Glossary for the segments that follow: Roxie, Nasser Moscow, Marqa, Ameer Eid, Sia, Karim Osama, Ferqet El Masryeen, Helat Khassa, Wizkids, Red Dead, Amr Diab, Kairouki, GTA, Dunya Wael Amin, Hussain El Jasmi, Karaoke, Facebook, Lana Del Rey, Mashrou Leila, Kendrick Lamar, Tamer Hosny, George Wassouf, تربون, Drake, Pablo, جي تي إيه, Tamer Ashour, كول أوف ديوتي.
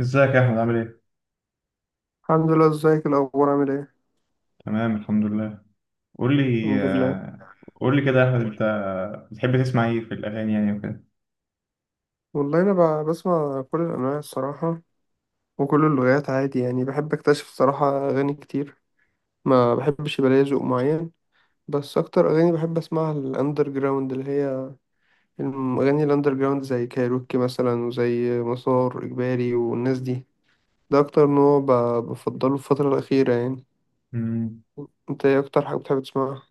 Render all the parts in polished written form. ازيك يا احمد عامل ايه؟ الحمد لله. ازيك الاخبار عامل ايه؟ تمام الحمد لله. قول لي الحمد لله. قول لي كده يا احمد، انت بتحب تسمع ايه في الاغاني يعني وكده؟ والله انا بسمع كل الانواع الصراحه، وكل اللغات عادي يعني، بحب اكتشف الصراحه اغاني كتير. ما بحبش يبقى ليا ذوق معين. بس اكتر اغاني بحب اسمعها الاندر جراوند، اللي هي الاغاني الاندر جراوند زي كايروكي مثلا وزي مسار اجباري والناس دي. ده اكتر نوع بفضله في الفتره الاخيره يعني. مم، انت ايه اكتر حاجه بتحب تسمعها؟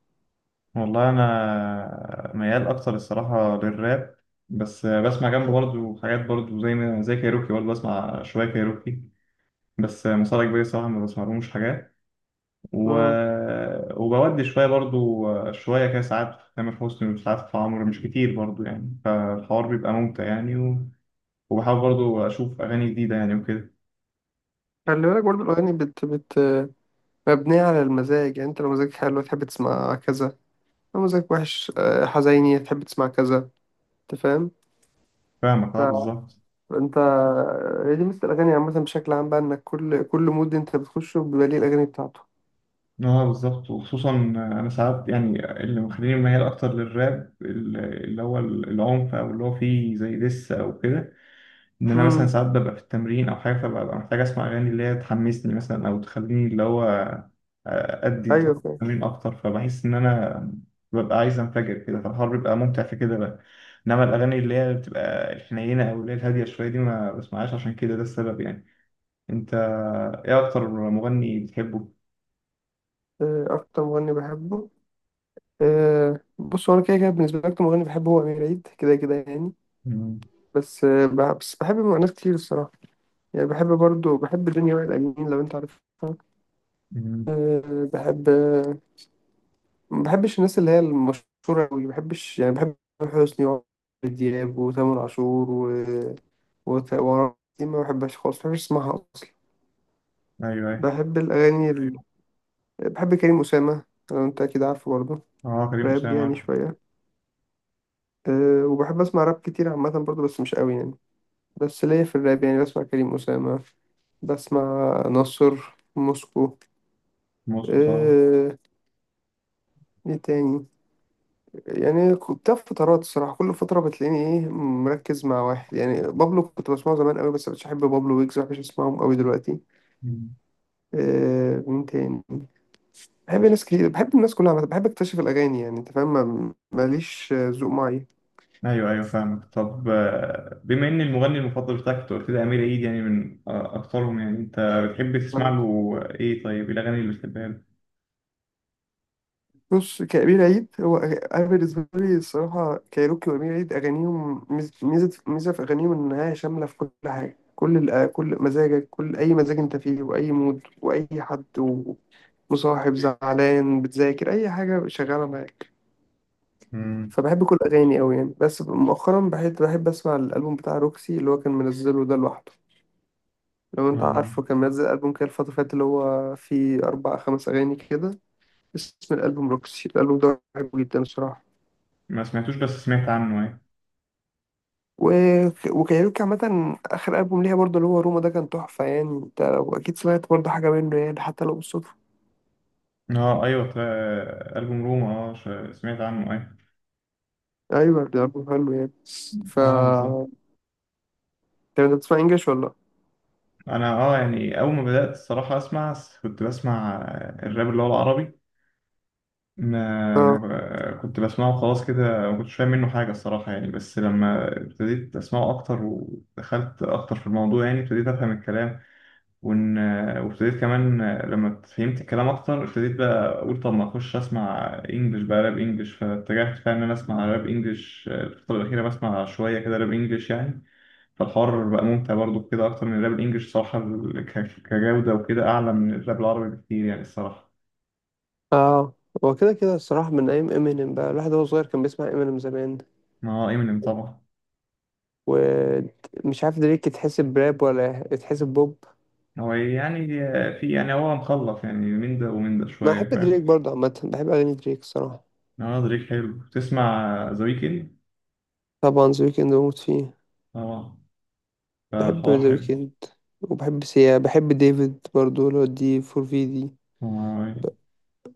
والله انا ميال اكتر الصراحه للراب، بس بسمع جنبه برضه حاجات برضه زي ما زي كايروكي، برضه بسمع شويه كايروكي. بس مصاري كبير الصراحه ما بسمعلهمش حاجات، و... امم. وبودي شويه برضه، شويه كده ساعات في تامر حسني وساعات في عمرو، مش كتير برضه يعني، فالحوار بيبقى ممتع يعني. وبحاول برضه اشوف اغاني جديده يعني وكده. خلي بالك برضه الاغاني بت بت مبنيه على المزاج، يعني انت لو مزاجك حلو تحب تسمع كذا، مزاجك وحش حزيني تحب تسمع كذا. انت فاهم؟ فاهمك، اه بالظبط. فانت هي دي مثل الاغاني عامه بشكل عام بقى، انك كل مود انت بتخشه بيبقى ليه الاغاني بتاعته. اه بالظبط. وخصوصا انا ساعات يعني، اللي مخليني ميال اكتر للراب اللي هو العنف او اللي هو فيه زي دس او كده. انا مثلا امم. ساعات ببقى في التمرين او حاجه، فببقى محتاج اسمع اغاني اللي هي تحمسني مثلا، او تخليني اللي هو ادي ايوه طاقة فاهم. التمرين اكتر، فبحس ان انا ببقى عايز انفجر كده، فالحوار بيبقى ممتع في كده بقى. انما الاغاني اللي هي بتبقى الحنينه او اللي هي الهاديه شويه دي، ما بسمعهاش، عشان كده ده السبب يعني. انت ايه اكتر مغني بتحبه؟ اكتر مغني بحبه، بص هو انا كده كده بالنسبه لي اكتر مغني بحبه هو امير عيد كده كده يعني. بس بحب ناس كتير الصراحه، يعني بحب برضو بحب دنيا وائل امين، لو انت عارفها. مم. أه. بحب. ما بحبش الناس اللي هي المشهورة أوي، ما بحبش يعني، بحب تامر حسني وعمرو دياب وتامر عاشور و وعمرو دياب، ما بحبهاش خالص، ما بحبش اسمعها أصلا. ايوه ايوه. بحب الأغاني ال... بحب كريم أسامة، لو أنت أكيد عارفه برضه. اه كريم راب اسامه يعني عارف. شوية. وبحب أسمع راب كتير عامة برضه، بس مش أوي يعني. بس ليا في الراب يعني، بسمع كريم أسامة. بسمع نصر موسكو. موسكو طبعا. أه. إيه تاني؟ يعني كنت في فترات الصراحة كل فترة بتلاقيني ايه مركز مع واحد يعني، بابلو كنت بسمعه زمان قوي، بس مش بحب بابلو ويجز مش بسمعهم قوي دلوقتي. مم. مين تاني؟ بحب ناس كتير، بحب الناس كلها عامة، بحب اكتشف الأغاني يعني، انت فاهم، ماليش ذوق معين. ايوه ايوه فاهمك. طب بما ان المغني المفضل بتاعك أنت قلت لي امير عيد يعني، من اكثرهم يعني، انت بتحب تسمع له ايه؟ طيب إيه الاغاني اللي بتحبها له؟ بص، كأمير عيد هو، أنا بالنسبة لي الصراحة كايروكي وأمير عيد أغانيهم ميزة في أغانيهم، إنها شاملة في كل حاجة، كل كل مزاجك، أي مزاج أنت فيه وأي مود وأي حد مصاحب، زعلان، بتذاكر، اي حاجه شغاله معاك. مم. فبحب كل اغاني قوي يعني. بس مؤخرا بحب اسمع الالبوم بتاع روكسي، اللي هو كان منزله ده لوحده، لو انت اه. عارفه كان منزل البوم كده الفتره اللي فاتت، اللي هو فيه اربع خمس اغاني كده. اسم الالبوم روكسي، الالبوم ده بحبه جدا الصراحه. ما سمعتوش بس سمعت عنه، ايه؟ و... وكايروكي عامة آخر ألبوم ليها برضه اللي هو روما، ده كان تحفة يعني، أنت لو أكيد سمعت برضه حاجة منه يعني حتى لو بالصدفة. اه ايوه طيب. البوم روما، اه، سمعت عنه، ايه؟ أيوة ده ألبوم حلو يعني. ف اه بالظبط. طب أنت بتسمع إنجلش ولا؟ انا اه يعني اول ما بدات الصراحه اسمع، كنت بسمع الراب اللي هو العربي. ما ما آه. ب- كنت بسمعه خلاص كده، ما كنتش فاهم منه حاجة الصراحة يعني، بس لما ابتديت أسمعه أكتر ودخلت أكتر في الموضوع يعني ابتديت أفهم الكلام. وإن، وابتديت كمان لما فهمت الكلام أكتر، ابتديت بقى أقول طب ما أخش أسمع إنجلش بقى، راب إنجلش، فاتجهت فعلا إن أنا أسمع راب إنجلش الفترة الأخيرة، بسمع شوية كده راب إنجلش يعني. فالحوار بقى ممتع برضو كده، أكتر من الراب الإنجلش صراحة، كجودة وكده، أعلى من الراب العربي بكتير يعني الصراحة. اه. هو كده كده الصراحة من أيام امينيم بقى، الواحد وهو صغير كان بيسمع امينيم زمان، ما هو إمينيم طبعا. ومش عارف دريك يتحسب راب ولا يتحسب بوب. هو يعني، في يعني هو مخلط يعني، من ده ومن ده أنا بحب شوية، دريك فاهم. برضه عامة، بحب أغاني دريك الصراحة. اه دريك حلو. تسمع ذا ويكند؟ طبعا ذا ويكند بموت فيه. اه. بحب فالحوار ذا حلو. ويكند، وبحب سيا، بحب ديفيد برضه اللي هو دي فور في دي. آه.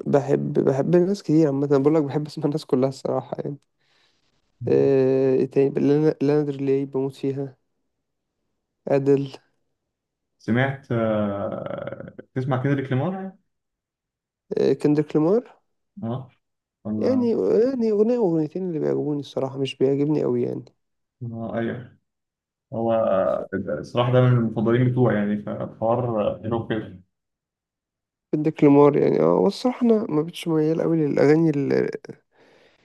بحب ناس كتير عامة، أنا بقول لك بحب اسمع الناس كلها الصراحة يعني. إيه تاني؟ لانا دري بموت فيها. أدل سمعت، تسمع كندريك لامار؟ كندريك لامار. اه. ولا، يعني، يعني أغنية وأغنيتين اللي بيعجبوني الصراحة، مش بيعجبني أوي يعني. ايوه. هو ف- الصراحة ده من المفضلين بتوعي يعني، فالحوار حلو كده. بدك لمار يعني، والصراحة أنا ما بقتش ميال أوي للأغاني اللي يعني.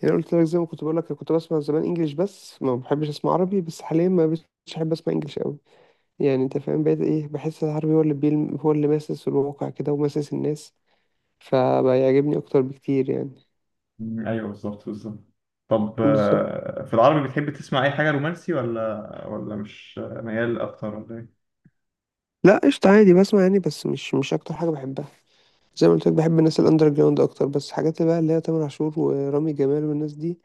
أنا قلت لك زي ما كنت بقول لك كنت بسمع زمان إنجليش بس ما بحبش أسمع عربي، بس حاليا ما بقتش أحب أسمع إنجليش أوي، يعني أنت فاهم بقيت إيه، بحس العربي هو اللي بيلم، هو اللي ماسس الواقع كده وماسس الناس، فبيعجبني أكتر بكتير يعني. ايوه بالظبط بالظبط. طب بالظبط. في العربي بتحب تسمع اي حاجة رومانسي، ولا ولا مش ميال اكتر، ولا ايه؟ لا قشطة عادي بسمع يعني، بس مش أكتر حاجة بحبها. زي ما قلت لك بحب الناس الأندر جراوند أكتر، بس حاجات بقى اللي هي تامر عاشور ورامي جمال والناس دي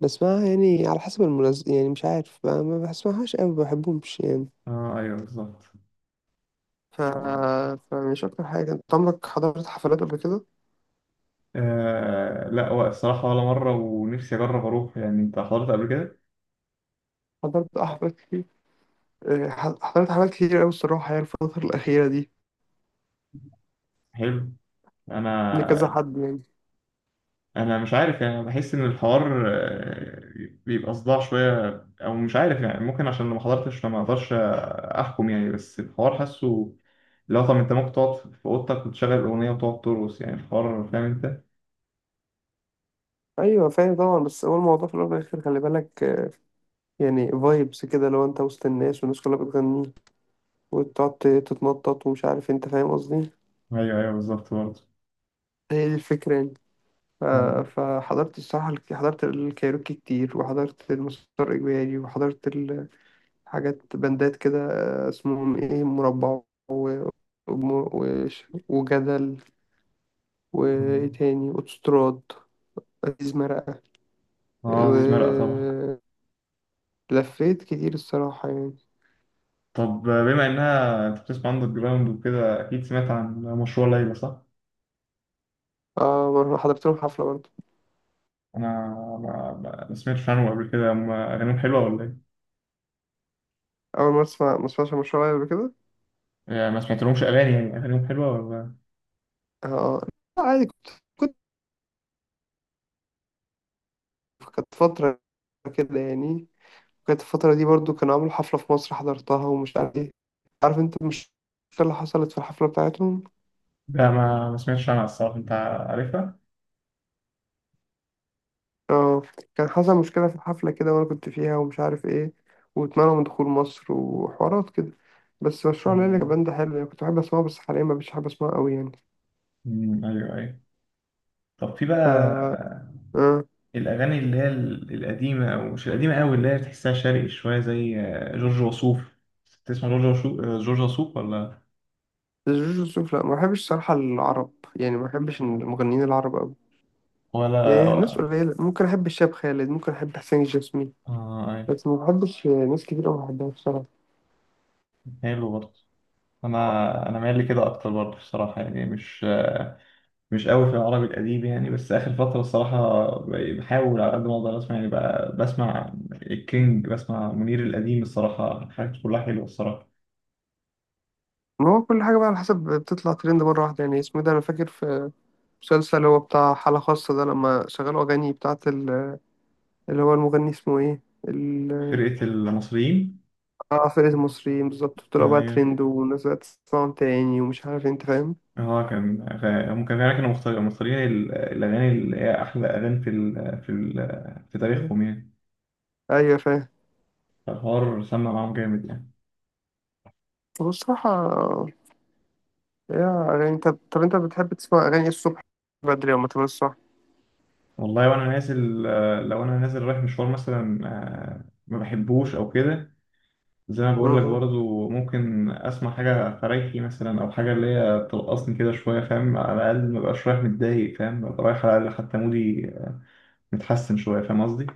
بسمعها يعني على حسب المناسبة يعني، مش عارف، ما بسمعهاش أوي، ما بحبهمش يعني. اه ايوه بالظبط. ف... فمش أكتر حاجة. أنت عمرك حضرت حفلات قبل كده؟ آه لا، هو الصراحة ولا مرة، ونفسي أجرب أروح يعني. أنت حضرت قبل كده؟ حضرت حفلات كتير، حضرت حفلات كتير أوي الصراحة يعني الفترة الأخيرة دي، حلو. لكذا أنا، حد يعني. أنا مش عارف يعني، بحس إن الحوار بيبقى صداع شوية، أو مش عارف يعني، ممكن عشان ما حضرتش، فما أقدرش أحكم يعني، بس الحوار حاسه. لو طب أنت ممكن تقعد في أوضتك وتشغل الأغنية وتقعد ترقص يعني، الحوار فاهم أنت؟ أيوة فاهم طبعا، بس هو الموضوع في الأول والآخر خلي بالك، يعني فايبس كده، لو أنت وسط الناس والناس كلها بتغني وتقعد تتنطط ومش عارف، أنت فاهم قصدي؟ أيوه أيوه بالظبط برضه. هي دي الفكرة يعني. ف- مم. فحضرت الصراحة، حضرت الكايروكي كتير، وحضرت المسار إجباري، وحضرت حاجات بندات كده، اسمهم ايه، مربع، وجدل، وايه تاني، وتستراد، ازيز مرقة، آه عزيز مرقة طبعا. و- لفيت كتير الصراحة يعني. طب بما إنها أنت بتسمع عندك جراوند وكده، أكيد سمعت عن مشروع ليلى، صح؟ اه، مرة حضرت لهم حفلة برضه. انا ما سمعتش عنهم قبل كده، هم اغانيهم حلوه ولا ايه؟ أول مرة أسمع، ما أسمعش مشروع يعني قبل كده. يعني ما سمعتلهمش اغاني يعني، اغانيهم حلوه ولا؟ اه. لا، عادي، كنت كنت كانت فترة كده يعني، كانت الفترة دي برضه كانوا عملوا حفلة في مصر حضرتها، ومش عارف ايه، عارف انت مش اللي حصلت في الحفلة بتاعتهم. لا ما سمعتش عنها الصراحه. انت عارفها؟ اه، كان حصل مشكلة في الحفلة كده وأنا كنت فيها ومش عارف ايه، واتمنعوا من دخول مصر وحوارات كده. بس مشروع ليلى مم. كان ده حلو يعني، كنت بحب أسمعه، بس حاليا مبقتش بحب أسمعه أوي يعني. مم، ايوه ايوه. طب في ف بقى اه، الاغاني اللي هي القديمه، او مش القديمه قوي، اللي هي تحسها شرقي شويه، زي جورج وسوف. تسمع جورج وسوف، جورج وسوف ولا؟ جورج وسوف لأ، ما بحبش صراحة العرب يعني، ما بحبش المغنيين العرب أوي، يعني ناس ولا. قليلة ممكن أحب، الشاب خالد ممكن أحب حسين الجسمي، اه ايوه. بس ما بحبش ناس كتير أوي بحبها بصراحة. حلو برضه. انا انا مايل لي كده اكتر برضه الصراحه يعني، مش مش قوي في العربي الأديب يعني. بس آخر فترة الصراحة بحاول على قد ما أقدر أسمع يعني، بقى بسمع الكينج، بسمع منير القديم الصراحة، حاجات كلها حلوة الصراحة. ما هو كل حاجة بقى على حسب بتطلع ترند مرة واحدة يعني، اسمه ده أنا فاكر في مسلسل اللي هو بتاع حالة خاصة ده، لما شغلوا أغاني بتاعة اللي هو المغني اسمه ايه، ال- فرقة المصريين. اه فرقة المصريين بالظبط، طلعوا بقى أيوة. ترند والناس بقت تسمعهم تاني، ومش عارف انت فاهم. هو كان، هم كانوا فعلا كانوا مختارين الأغاني اللي هي أحلى أغاني في في تاريخهم يعني. ايوه فاهم. فالحوار سمع معاهم جامد يعني. هو الصراحة، يا اغاني، طب انت بتحب تسمع اغاني الصبح بدري ولا تمام الصبح؟ والله وأنا نازل، لو أنا نازل رايح مشوار مثلا، ما بحبوش أو كده، زي ما بقول لك امم. برضو، ممكن اسمع حاجه فريحي مثلا، او حاجه اللي هي ترقصني كده شويه، فاهم؟ على الاقل ما بقاش رايح متضايق، فاهم؟ ابقى رايح على الاقل حتى مودي متحسن شويه، فاهم قصدي؟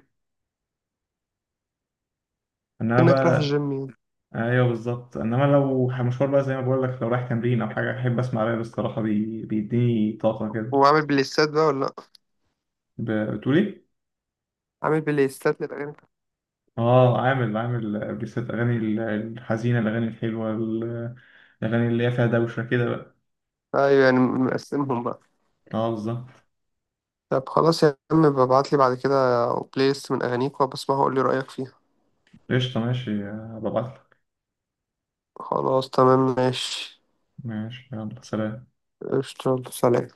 انما انك رايح بقى، الجيم يعني، ايوه بالظبط. انما لو مشوار بقى، زي ما بقول لك، لو رايح تمرين او حاجه، احب اسمع راب الصراحه، بيديني طاقه كده. وعامل بلايستات بقى ولا لأ؟ بتقول ايه؟ عامل بلايستات للاغاني. اه عامل، عامل بيست اغاني الحزينه، الاغاني الحلوه، الاغاني اللي هي فيها دوشه كده بقى. ايوه يعني مقسمهم بقى. اه بالظبط. طب خلاص يا عم، ببعت لي بعد كده بلاي ليست من اغانيك، وبسمعها وقول لي رايك فيها. قشطه ماشي، هبقى ابعتلك. خلاص تمام ماشي. ماشي يلا سلام. قشطة سلام.